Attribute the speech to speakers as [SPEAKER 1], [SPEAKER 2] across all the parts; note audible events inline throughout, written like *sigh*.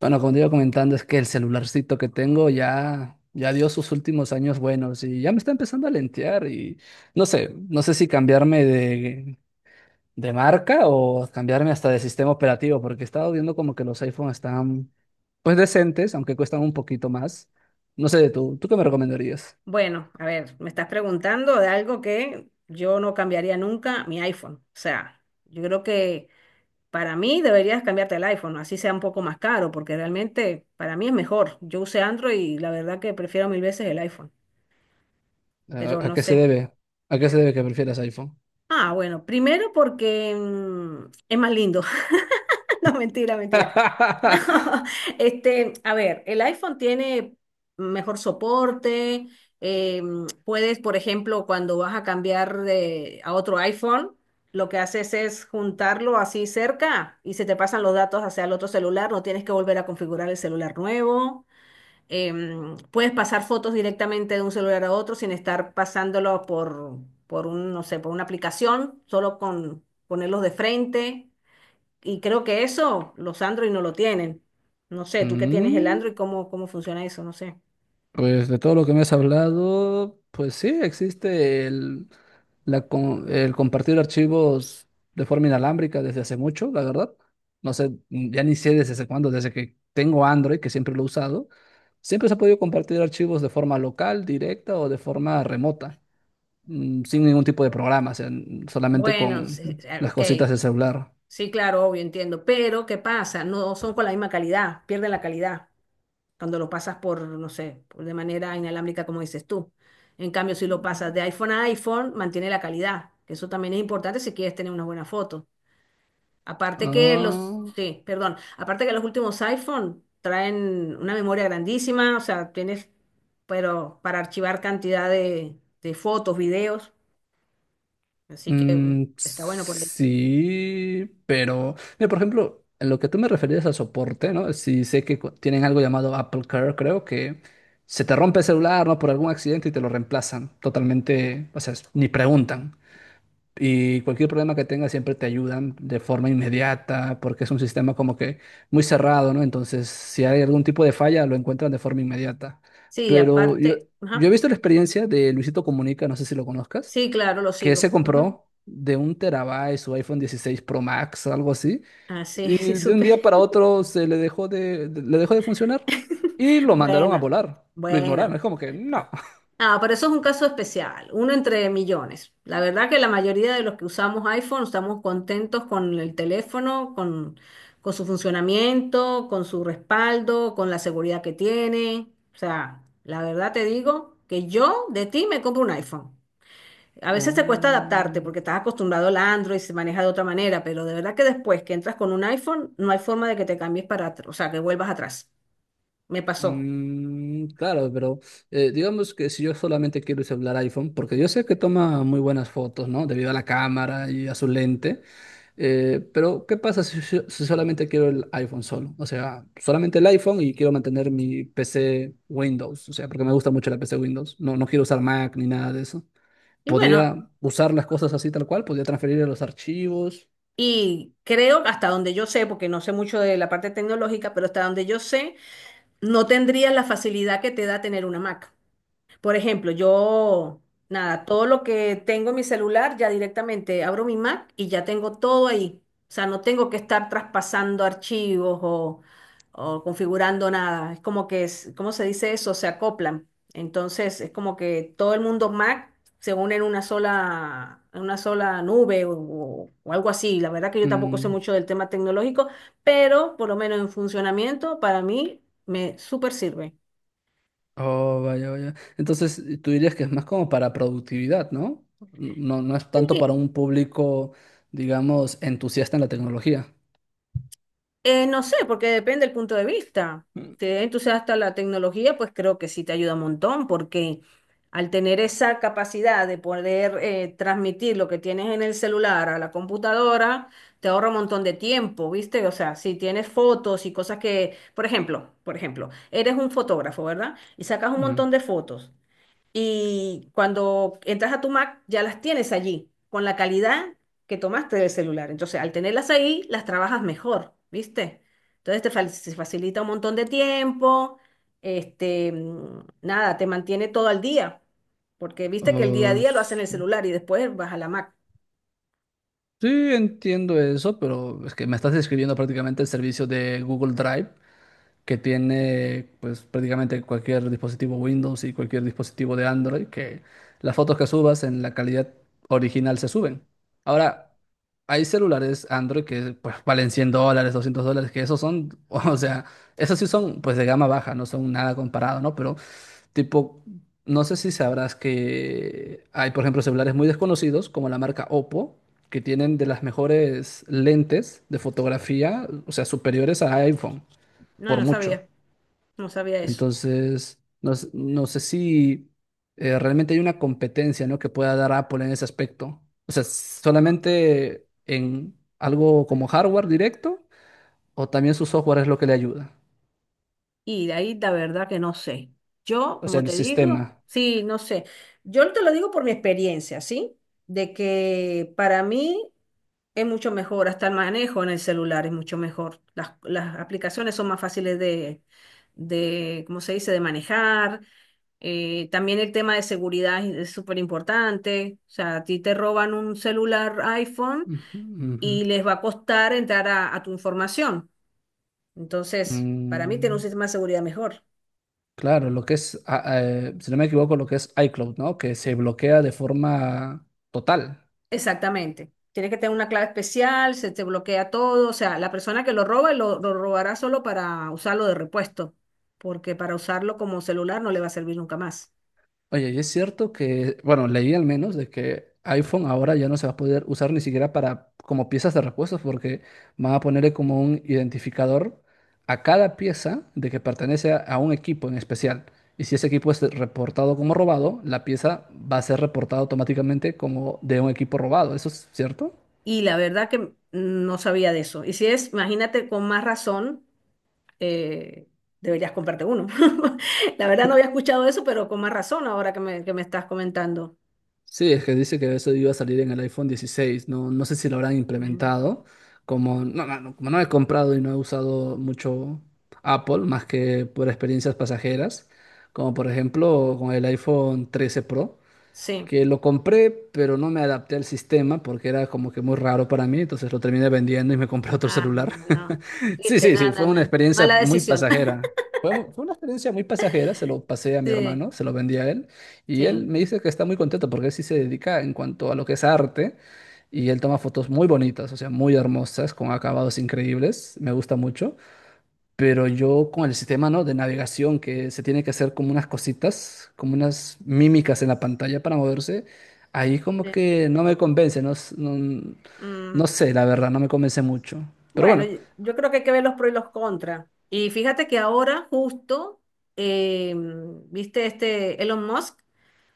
[SPEAKER 1] Bueno, como te iba comentando, es que el celularcito que tengo ya, ya dio sus últimos años buenos y ya me está empezando a lentear y no sé, no sé si cambiarme de marca o cambiarme hasta de sistema operativo, porque he estado viendo como que los iPhones están pues decentes, aunque cuestan un poquito más. No sé, tú, ¿tú qué me recomendarías?
[SPEAKER 2] Bueno, a ver, me estás preguntando de algo que yo no cambiaría nunca, mi iPhone. O sea, yo creo que para mí deberías cambiarte el iPhone, así sea un poco más caro, porque realmente para mí es mejor. Yo usé Android y la verdad que prefiero mil veces el iPhone, pero
[SPEAKER 1] ¿A
[SPEAKER 2] no
[SPEAKER 1] qué se
[SPEAKER 2] sé.
[SPEAKER 1] debe? ¿A qué se debe que prefieras iPhone?
[SPEAKER 2] Ah, bueno, primero porque es más lindo. *laughs* No, mentira, mentira. No,
[SPEAKER 1] *laughs*
[SPEAKER 2] *laughs* este, a ver, el iPhone tiene mejor soporte, eh, puedes, por ejemplo, cuando vas a cambiar a otro iPhone, lo que haces es juntarlo así cerca y se te pasan los datos hacia el otro celular, no tienes que volver a configurar el celular nuevo. Puedes pasar fotos directamente de un celular a otro sin estar pasándolo por un, no sé, por una aplicación, solo con ponerlos de frente. Y creo que eso los Android no lo tienen. No sé, tú que tienes el
[SPEAKER 1] Mm.
[SPEAKER 2] Android, ¿ cómo funciona eso? No sé.
[SPEAKER 1] Pues de todo lo que me has hablado, pues sí, existe el compartir archivos de forma inalámbrica desde hace mucho, la verdad. No sé, ya ni sé desde hace cuándo, desde que tengo Android, que siempre lo he usado, siempre se ha podido compartir archivos de forma local, directa o de forma remota, sin ningún tipo de programa, o sea, solamente
[SPEAKER 2] Bueno, sí,
[SPEAKER 1] con
[SPEAKER 2] sí, ah,
[SPEAKER 1] las
[SPEAKER 2] ok,
[SPEAKER 1] cositas del celular.
[SPEAKER 2] sí, claro, obvio, entiendo, pero ¿qué pasa? No son con la misma calidad, pierden la calidad cuando lo pasas por, no sé, por de manera inalámbrica como dices tú. En cambio, si lo pasas de iPhone a iPhone, mantiene la calidad, que eso también es importante si quieres tener una buena foto. Aparte que los,
[SPEAKER 1] Ah,
[SPEAKER 2] sí, perdón, aparte que los últimos iPhone traen una memoria grandísima, o sea, tienes, pero para archivar cantidad de fotos, videos, así que
[SPEAKER 1] Mm,
[SPEAKER 2] está bueno por ahí.
[SPEAKER 1] sí, pero, mira, por ejemplo, en lo que tú me referías a soporte, ¿no? Si sé que tienen algo llamado Apple Care, creo que se te rompe el celular, ¿no? Por algún accidente y te lo reemplazan totalmente, o sea, ni preguntan. Y cualquier problema que tengas siempre te ayudan de forma inmediata, porque es un sistema como que muy cerrado, ¿no? Entonces, si hay algún tipo de falla, lo encuentran de forma inmediata.
[SPEAKER 2] Sí,
[SPEAKER 1] Pero yo,
[SPEAKER 2] aparte,
[SPEAKER 1] yo
[SPEAKER 2] ajá,
[SPEAKER 1] he visto la experiencia de Luisito Comunica, no sé si lo conozcas
[SPEAKER 2] sí, claro, lo
[SPEAKER 1] que se
[SPEAKER 2] sigo. Ujú.
[SPEAKER 1] compró de un terabyte su iPhone 16 Pro Max, algo así,
[SPEAKER 2] Ah, sí, *laughs*
[SPEAKER 1] y
[SPEAKER 2] sí,
[SPEAKER 1] de un
[SPEAKER 2] supe.
[SPEAKER 1] día para otro se le dejó le dejó de funcionar y lo mandaron a
[SPEAKER 2] Bueno,
[SPEAKER 1] volar. Lo ignoraron,
[SPEAKER 2] bueno.
[SPEAKER 1] es como que no. *laughs*
[SPEAKER 2] Ah, pero eso es un caso especial, uno entre millones. La verdad que la mayoría de los que usamos iPhone estamos contentos con el teléfono, con su funcionamiento, con su respaldo, con la seguridad que tiene. O sea, la verdad te digo que yo de ti me compro un iPhone. A veces te cuesta adaptarte
[SPEAKER 1] Oh,
[SPEAKER 2] porque estás acostumbrado al Android, se maneja de otra manera, pero de verdad que después que entras con un iPhone, no hay forma de que te cambies para atrás, o sea, que vuelvas atrás. Me pasó.
[SPEAKER 1] mm, claro, pero digamos que si yo solamente quiero usar iPhone, porque yo sé que toma muy buenas fotos, ¿no? Debido a la cámara y a su lente. Pero, ¿qué pasa si solamente quiero el iPhone solo? O sea, solamente el iPhone y quiero mantener mi PC Windows. O sea, porque me gusta mucho la PC Windows. No, no quiero usar Mac ni nada de eso.
[SPEAKER 2] Y bueno,
[SPEAKER 1] Podría usar las cosas así tal cual, podría transferir los archivos.
[SPEAKER 2] y creo, hasta donde yo sé, porque no sé mucho de la parte tecnológica, pero hasta donde yo sé, no tendrías la facilidad que te da tener una Mac. Por ejemplo, yo, nada, todo lo que tengo en mi celular, ya directamente abro mi Mac y ya tengo todo ahí. O sea, no tengo que estar traspasando archivos o configurando nada. Es como que, es, ¿cómo se dice eso? Se acoplan. Entonces, es como que todo el mundo Mac se une en una sola nube o, o algo así. La verdad que yo tampoco sé
[SPEAKER 1] Mm.
[SPEAKER 2] mucho del tema tecnológico, pero por lo menos en funcionamiento, para mí me súper sirve.
[SPEAKER 1] Oh, vaya, vaya. Entonces, tú dirías que es más como para productividad, ¿no? No, no es tanto para un público, digamos, entusiasta en la tecnología.
[SPEAKER 2] No sé, porque depende del punto de vista.
[SPEAKER 1] Mm,
[SPEAKER 2] Te entusiasta la tecnología, pues creo que sí te ayuda un montón, porque al tener esa capacidad de poder transmitir lo que tienes en el celular a la computadora, te ahorra un montón de tiempo, ¿viste? O sea, si tienes fotos y cosas que, por ejemplo, eres un fotógrafo, ¿verdad? Y sacas un
[SPEAKER 1] mm.
[SPEAKER 2] montón de fotos y cuando entras a tu Mac ya las tienes allí, con la calidad que tomaste del celular. Entonces, al tenerlas ahí, las trabajas mejor, ¿viste? Entonces se facilita un montón de tiempo, este, nada, te mantiene todo al día, porque viste que el día a
[SPEAKER 1] Oh,
[SPEAKER 2] día lo hacen en el celular y después vas a la Mac.
[SPEAKER 1] sí, entiendo eso, pero es que me estás describiendo prácticamente el servicio de Google Drive que tiene pues prácticamente cualquier dispositivo Windows y cualquier dispositivo de Android, que las fotos que subas en la calidad original se suben. Ahora, hay celulares Android que pues valen 100 dólares, 200 dólares, que esos son, *laughs* o sea, esos sí son pues de gama baja, no son nada comparado, ¿no? Pero tipo, no sé si sabrás que hay, por ejemplo, celulares muy desconocidos, como la marca Oppo, que tienen de las mejores lentes de fotografía, o sea, superiores a iPhone,
[SPEAKER 2] No,
[SPEAKER 1] por
[SPEAKER 2] no
[SPEAKER 1] mucho.
[SPEAKER 2] sabía, no sabía eso.
[SPEAKER 1] Entonces, no, no sé si realmente hay una competencia, ¿no? que pueda dar Apple en ese aspecto. O sea, solamente en algo como hardware directo, o también su software es lo que le ayuda.
[SPEAKER 2] Y de ahí la verdad que no sé. Yo,
[SPEAKER 1] O sea,
[SPEAKER 2] como
[SPEAKER 1] el
[SPEAKER 2] te digo,
[SPEAKER 1] sistema.
[SPEAKER 2] sí, no sé. Yo te lo digo por mi experiencia, ¿sí? De que para mí es mucho mejor, hasta el manejo en el celular es mucho mejor. Las aplicaciones son más fáciles de, ¿cómo se dice?, de manejar. También el tema de seguridad es súper importante. O sea, a ti te roban un celular iPhone
[SPEAKER 1] Ujú, ujú.
[SPEAKER 2] y les va a costar entrar a tu información. Entonces, para mí tiene un
[SPEAKER 1] Mm.
[SPEAKER 2] sistema de seguridad mejor.
[SPEAKER 1] Claro, lo que es, si no me equivoco, lo que es iCloud, ¿no? Que se bloquea de forma total.
[SPEAKER 2] Exactamente. Tiene que tener una clave especial, se te bloquea todo. O sea, la persona que lo roba lo robará solo para usarlo de repuesto, porque para usarlo como celular no le va a servir nunca más.
[SPEAKER 1] Oye, y es cierto que, bueno, leí al menos de que iPhone ahora ya no se va a poder usar ni siquiera para como piezas de repuestos porque van a ponerle como un identificador a cada pieza de que pertenece a un equipo en especial. Y si ese equipo es reportado como robado, la pieza va a ser reportada automáticamente como de un equipo robado. ¿Eso es cierto?
[SPEAKER 2] Y la verdad que no sabía de eso. Y si es, imagínate, con más razón, eh, deberías comprarte uno. *laughs* La verdad no había escuchado eso, pero con más razón ahora que me estás comentando.
[SPEAKER 1] Sí, es que dice que eso iba a salir en el iPhone 16. No, no sé si lo habrán
[SPEAKER 2] Mm,
[SPEAKER 1] implementado. Como no he comprado y no he usado mucho Apple, más que por experiencias pasajeras, como por ejemplo con el iPhone 13 Pro
[SPEAKER 2] sí.
[SPEAKER 1] que lo compré, pero no me adapté al sistema porque era como que muy raro para mí, entonces lo terminé vendiendo y me compré otro
[SPEAKER 2] Ah,
[SPEAKER 1] celular.
[SPEAKER 2] no.
[SPEAKER 1] *laughs* Sí,
[SPEAKER 2] Viste,
[SPEAKER 1] sí, sí,
[SPEAKER 2] nada,
[SPEAKER 1] fue una
[SPEAKER 2] nada.
[SPEAKER 1] experiencia
[SPEAKER 2] Mala
[SPEAKER 1] muy
[SPEAKER 2] decisión. *laughs*
[SPEAKER 1] pasajera. Fue, fue una experiencia muy pasajera, se lo pasé a mi
[SPEAKER 2] Sí,
[SPEAKER 1] hermano, se lo vendí a él y él
[SPEAKER 2] sí,
[SPEAKER 1] me dice que está muy contento porque él sí se dedica en cuanto a lo que es arte y él toma fotos muy bonitas, o sea, muy hermosas, con acabados increíbles, me gusta mucho. Pero yo con el sistema, ¿no? de navegación que se tiene que hacer como unas cositas, como unas mímicas en la pantalla para moverse, ahí como
[SPEAKER 2] sí.
[SPEAKER 1] que no me convence, no, no, no
[SPEAKER 2] Mm.
[SPEAKER 1] sé, la verdad, no me convence mucho. Pero
[SPEAKER 2] Bueno,
[SPEAKER 1] bueno,
[SPEAKER 2] yo creo que hay que ver los pros y los contras. Y fíjate que ahora justo, eh, viste este Elon Musk,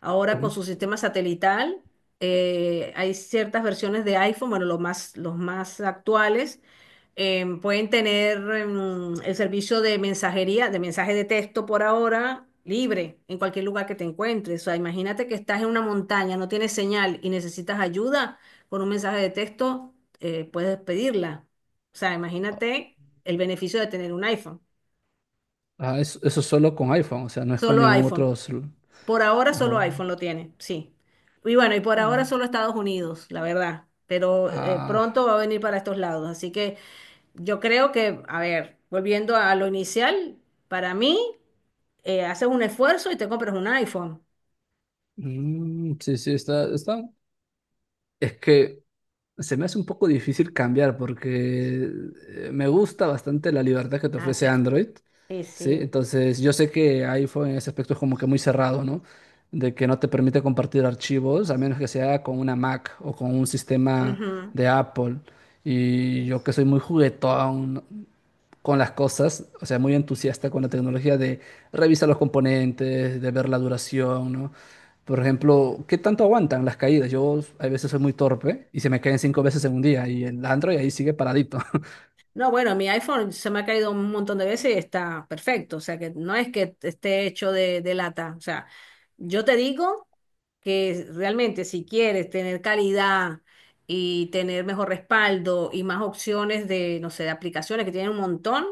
[SPEAKER 2] ahora con
[SPEAKER 1] ujú.
[SPEAKER 2] su sistema satelital, hay ciertas versiones de iPhone, bueno, los más actuales, pueden tener el servicio de mensajería, de mensaje de texto por ahora, libre, en cualquier lugar que te encuentres. O sea, imagínate que estás en una montaña, no tienes señal y necesitas ayuda, con un mensaje de texto puedes pedirla. O sea, imagínate el beneficio de tener un iPhone.
[SPEAKER 1] Ah, eso solo con iPhone, o sea, no es con
[SPEAKER 2] Solo
[SPEAKER 1] ningún otro...
[SPEAKER 2] iPhone. Por ahora solo
[SPEAKER 1] Ojo.
[SPEAKER 2] iPhone lo tiene, sí. Y bueno, y por ahora solo
[SPEAKER 1] Ah,
[SPEAKER 2] Estados Unidos, la verdad. Pero
[SPEAKER 1] ah,
[SPEAKER 2] pronto va a venir para estos lados. Así que yo creo que, a ver, volviendo a lo inicial, para mí, haces un esfuerzo y te compras un iPhone.
[SPEAKER 1] mm, sí, sí, está, está. Es que se me hace un poco difícil cambiar porque me gusta bastante la libertad que te
[SPEAKER 2] Ah,
[SPEAKER 1] ofrece
[SPEAKER 2] pero.
[SPEAKER 1] Android,
[SPEAKER 2] Sí,
[SPEAKER 1] ¿sí?
[SPEAKER 2] sí.
[SPEAKER 1] Entonces, yo sé que iPhone en ese aspecto es como que muy cerrado, ¿no? De que no te permite compartir archivos a menos que sea con una Mac o con un sistema
[SPEAKER 2] Ujú.
[SPEAKER 1] de Apple. Y yo que soy muy juguetón, ¿no? con las cosas, o sea, muy entusiasta con la tecnología de revisar los componentes, de ver la duración, ¿no? Por ejemplo, ¿qué tanto aguantan las caídas? Yo a veces soy muy torpe y se me caen cinco veces en un día y el Android ahí sigue paradito.
[SPEAKER 2] No, bueno, mi iPhone se me ha caído un montón de veces y está perfecto. O sea, que no es que esté hecho de lata. O sea, yo te digo que realmente si quieres tener calidad y tener mejor respaldo y más opciones de, no sé, de aplicaciones que tienen un montón,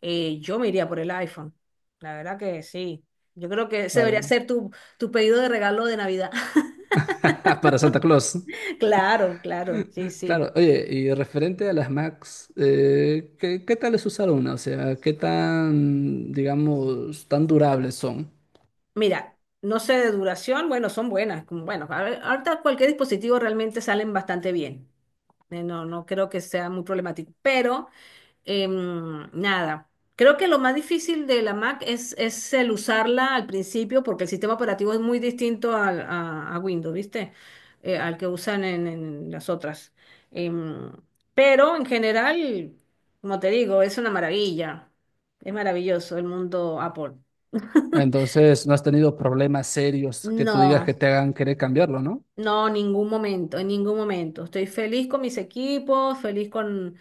[SPEAKER 2] yo me iría por el iPhone. La verdad que sí. Yo creo que
[SPEAKER 1] *laughs*
[SPEAKER 2] ese debería
[SPEAKER 1] para,
[SPEAKER 2] ser tu, tu pedido de regalo de Navidad. *laughs*
[SPEAKER 1] *laughs* para Santa Claus.
[SPEAKER 2] Claro, claro, sí, sí.
[SPEAKER 1] Claro, oye, y referente a las Macs, ¿qué tal es usar una? O sea, ¿qué tan, digamos, tan durables son?
[SPEAKER 2] Mira, no sé de duración, bueno, son buenas. Bueno, a ver, ahorita cualquier dispositivo realmente salen bastante bien. No, no creo que sea muy problemático, pero nada. Creo que lo más difícil de la Mac es el usarla al principio porque el sistema operativo es muy distinto a Windows, ¿viste? Al que usan en las otras. Em, pero en general, como te digo, es una maravilla. Es maravilloso el mundo Apple. *laughs*
[SPEAKER 1] Entonces, no has tenido problemas serios que tú digas que
[SPEAKER 2] No,
[SPEAKER 1] te hagan querer cambiarlo, ¿no?
[SPEAKER 2] no, ningún momento, en ningún momento. Estoy feliz con mis equipos, feliz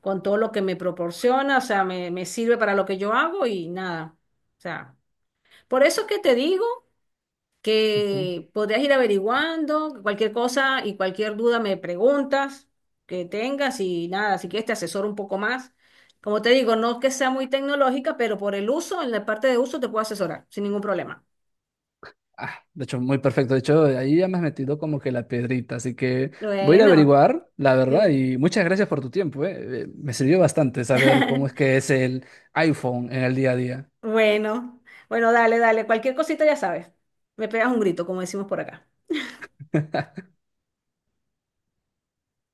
[SPEAKER 2] con todo lo que me proporciona, o sea, me sirve para lo que yo hago y nada. O sea, por eso es que te digo
[SPEAKER 1] Ujú.
[SPEAKER 2] que podrías ir averiguando cualquier cosa y cualquier duda me preguntas que tengas y nada, si quieres te asesoro un poco más. Como te digo, no es que sea muy tecnológica, pero por el uso, en la parte de uso te puedo asesorar sin ningún problema.
[SPEAKER 1] Ah, de hecho, muy perfecto. De hecho, ahí ya me has metido como que la piedrita, así que voy a ir a
[SPEAKER 2] Bueno,
[SPEAKER 1] averiguar, la verdad,
[SPEAKER 2] sí.
[SPEAKER 1] y muchas gracias por tu tiempo, ¿eh? Me sirvió bastante saber cómo es
[SPEAKER 2] *laughs*
[SPEAKER 1] que es el iPhone en el día a día.
[SPEAKER 2] Bueno, bueno, dale, dale, cualquier cosita ya sabes. Me pegas un grito, como decimos por acá.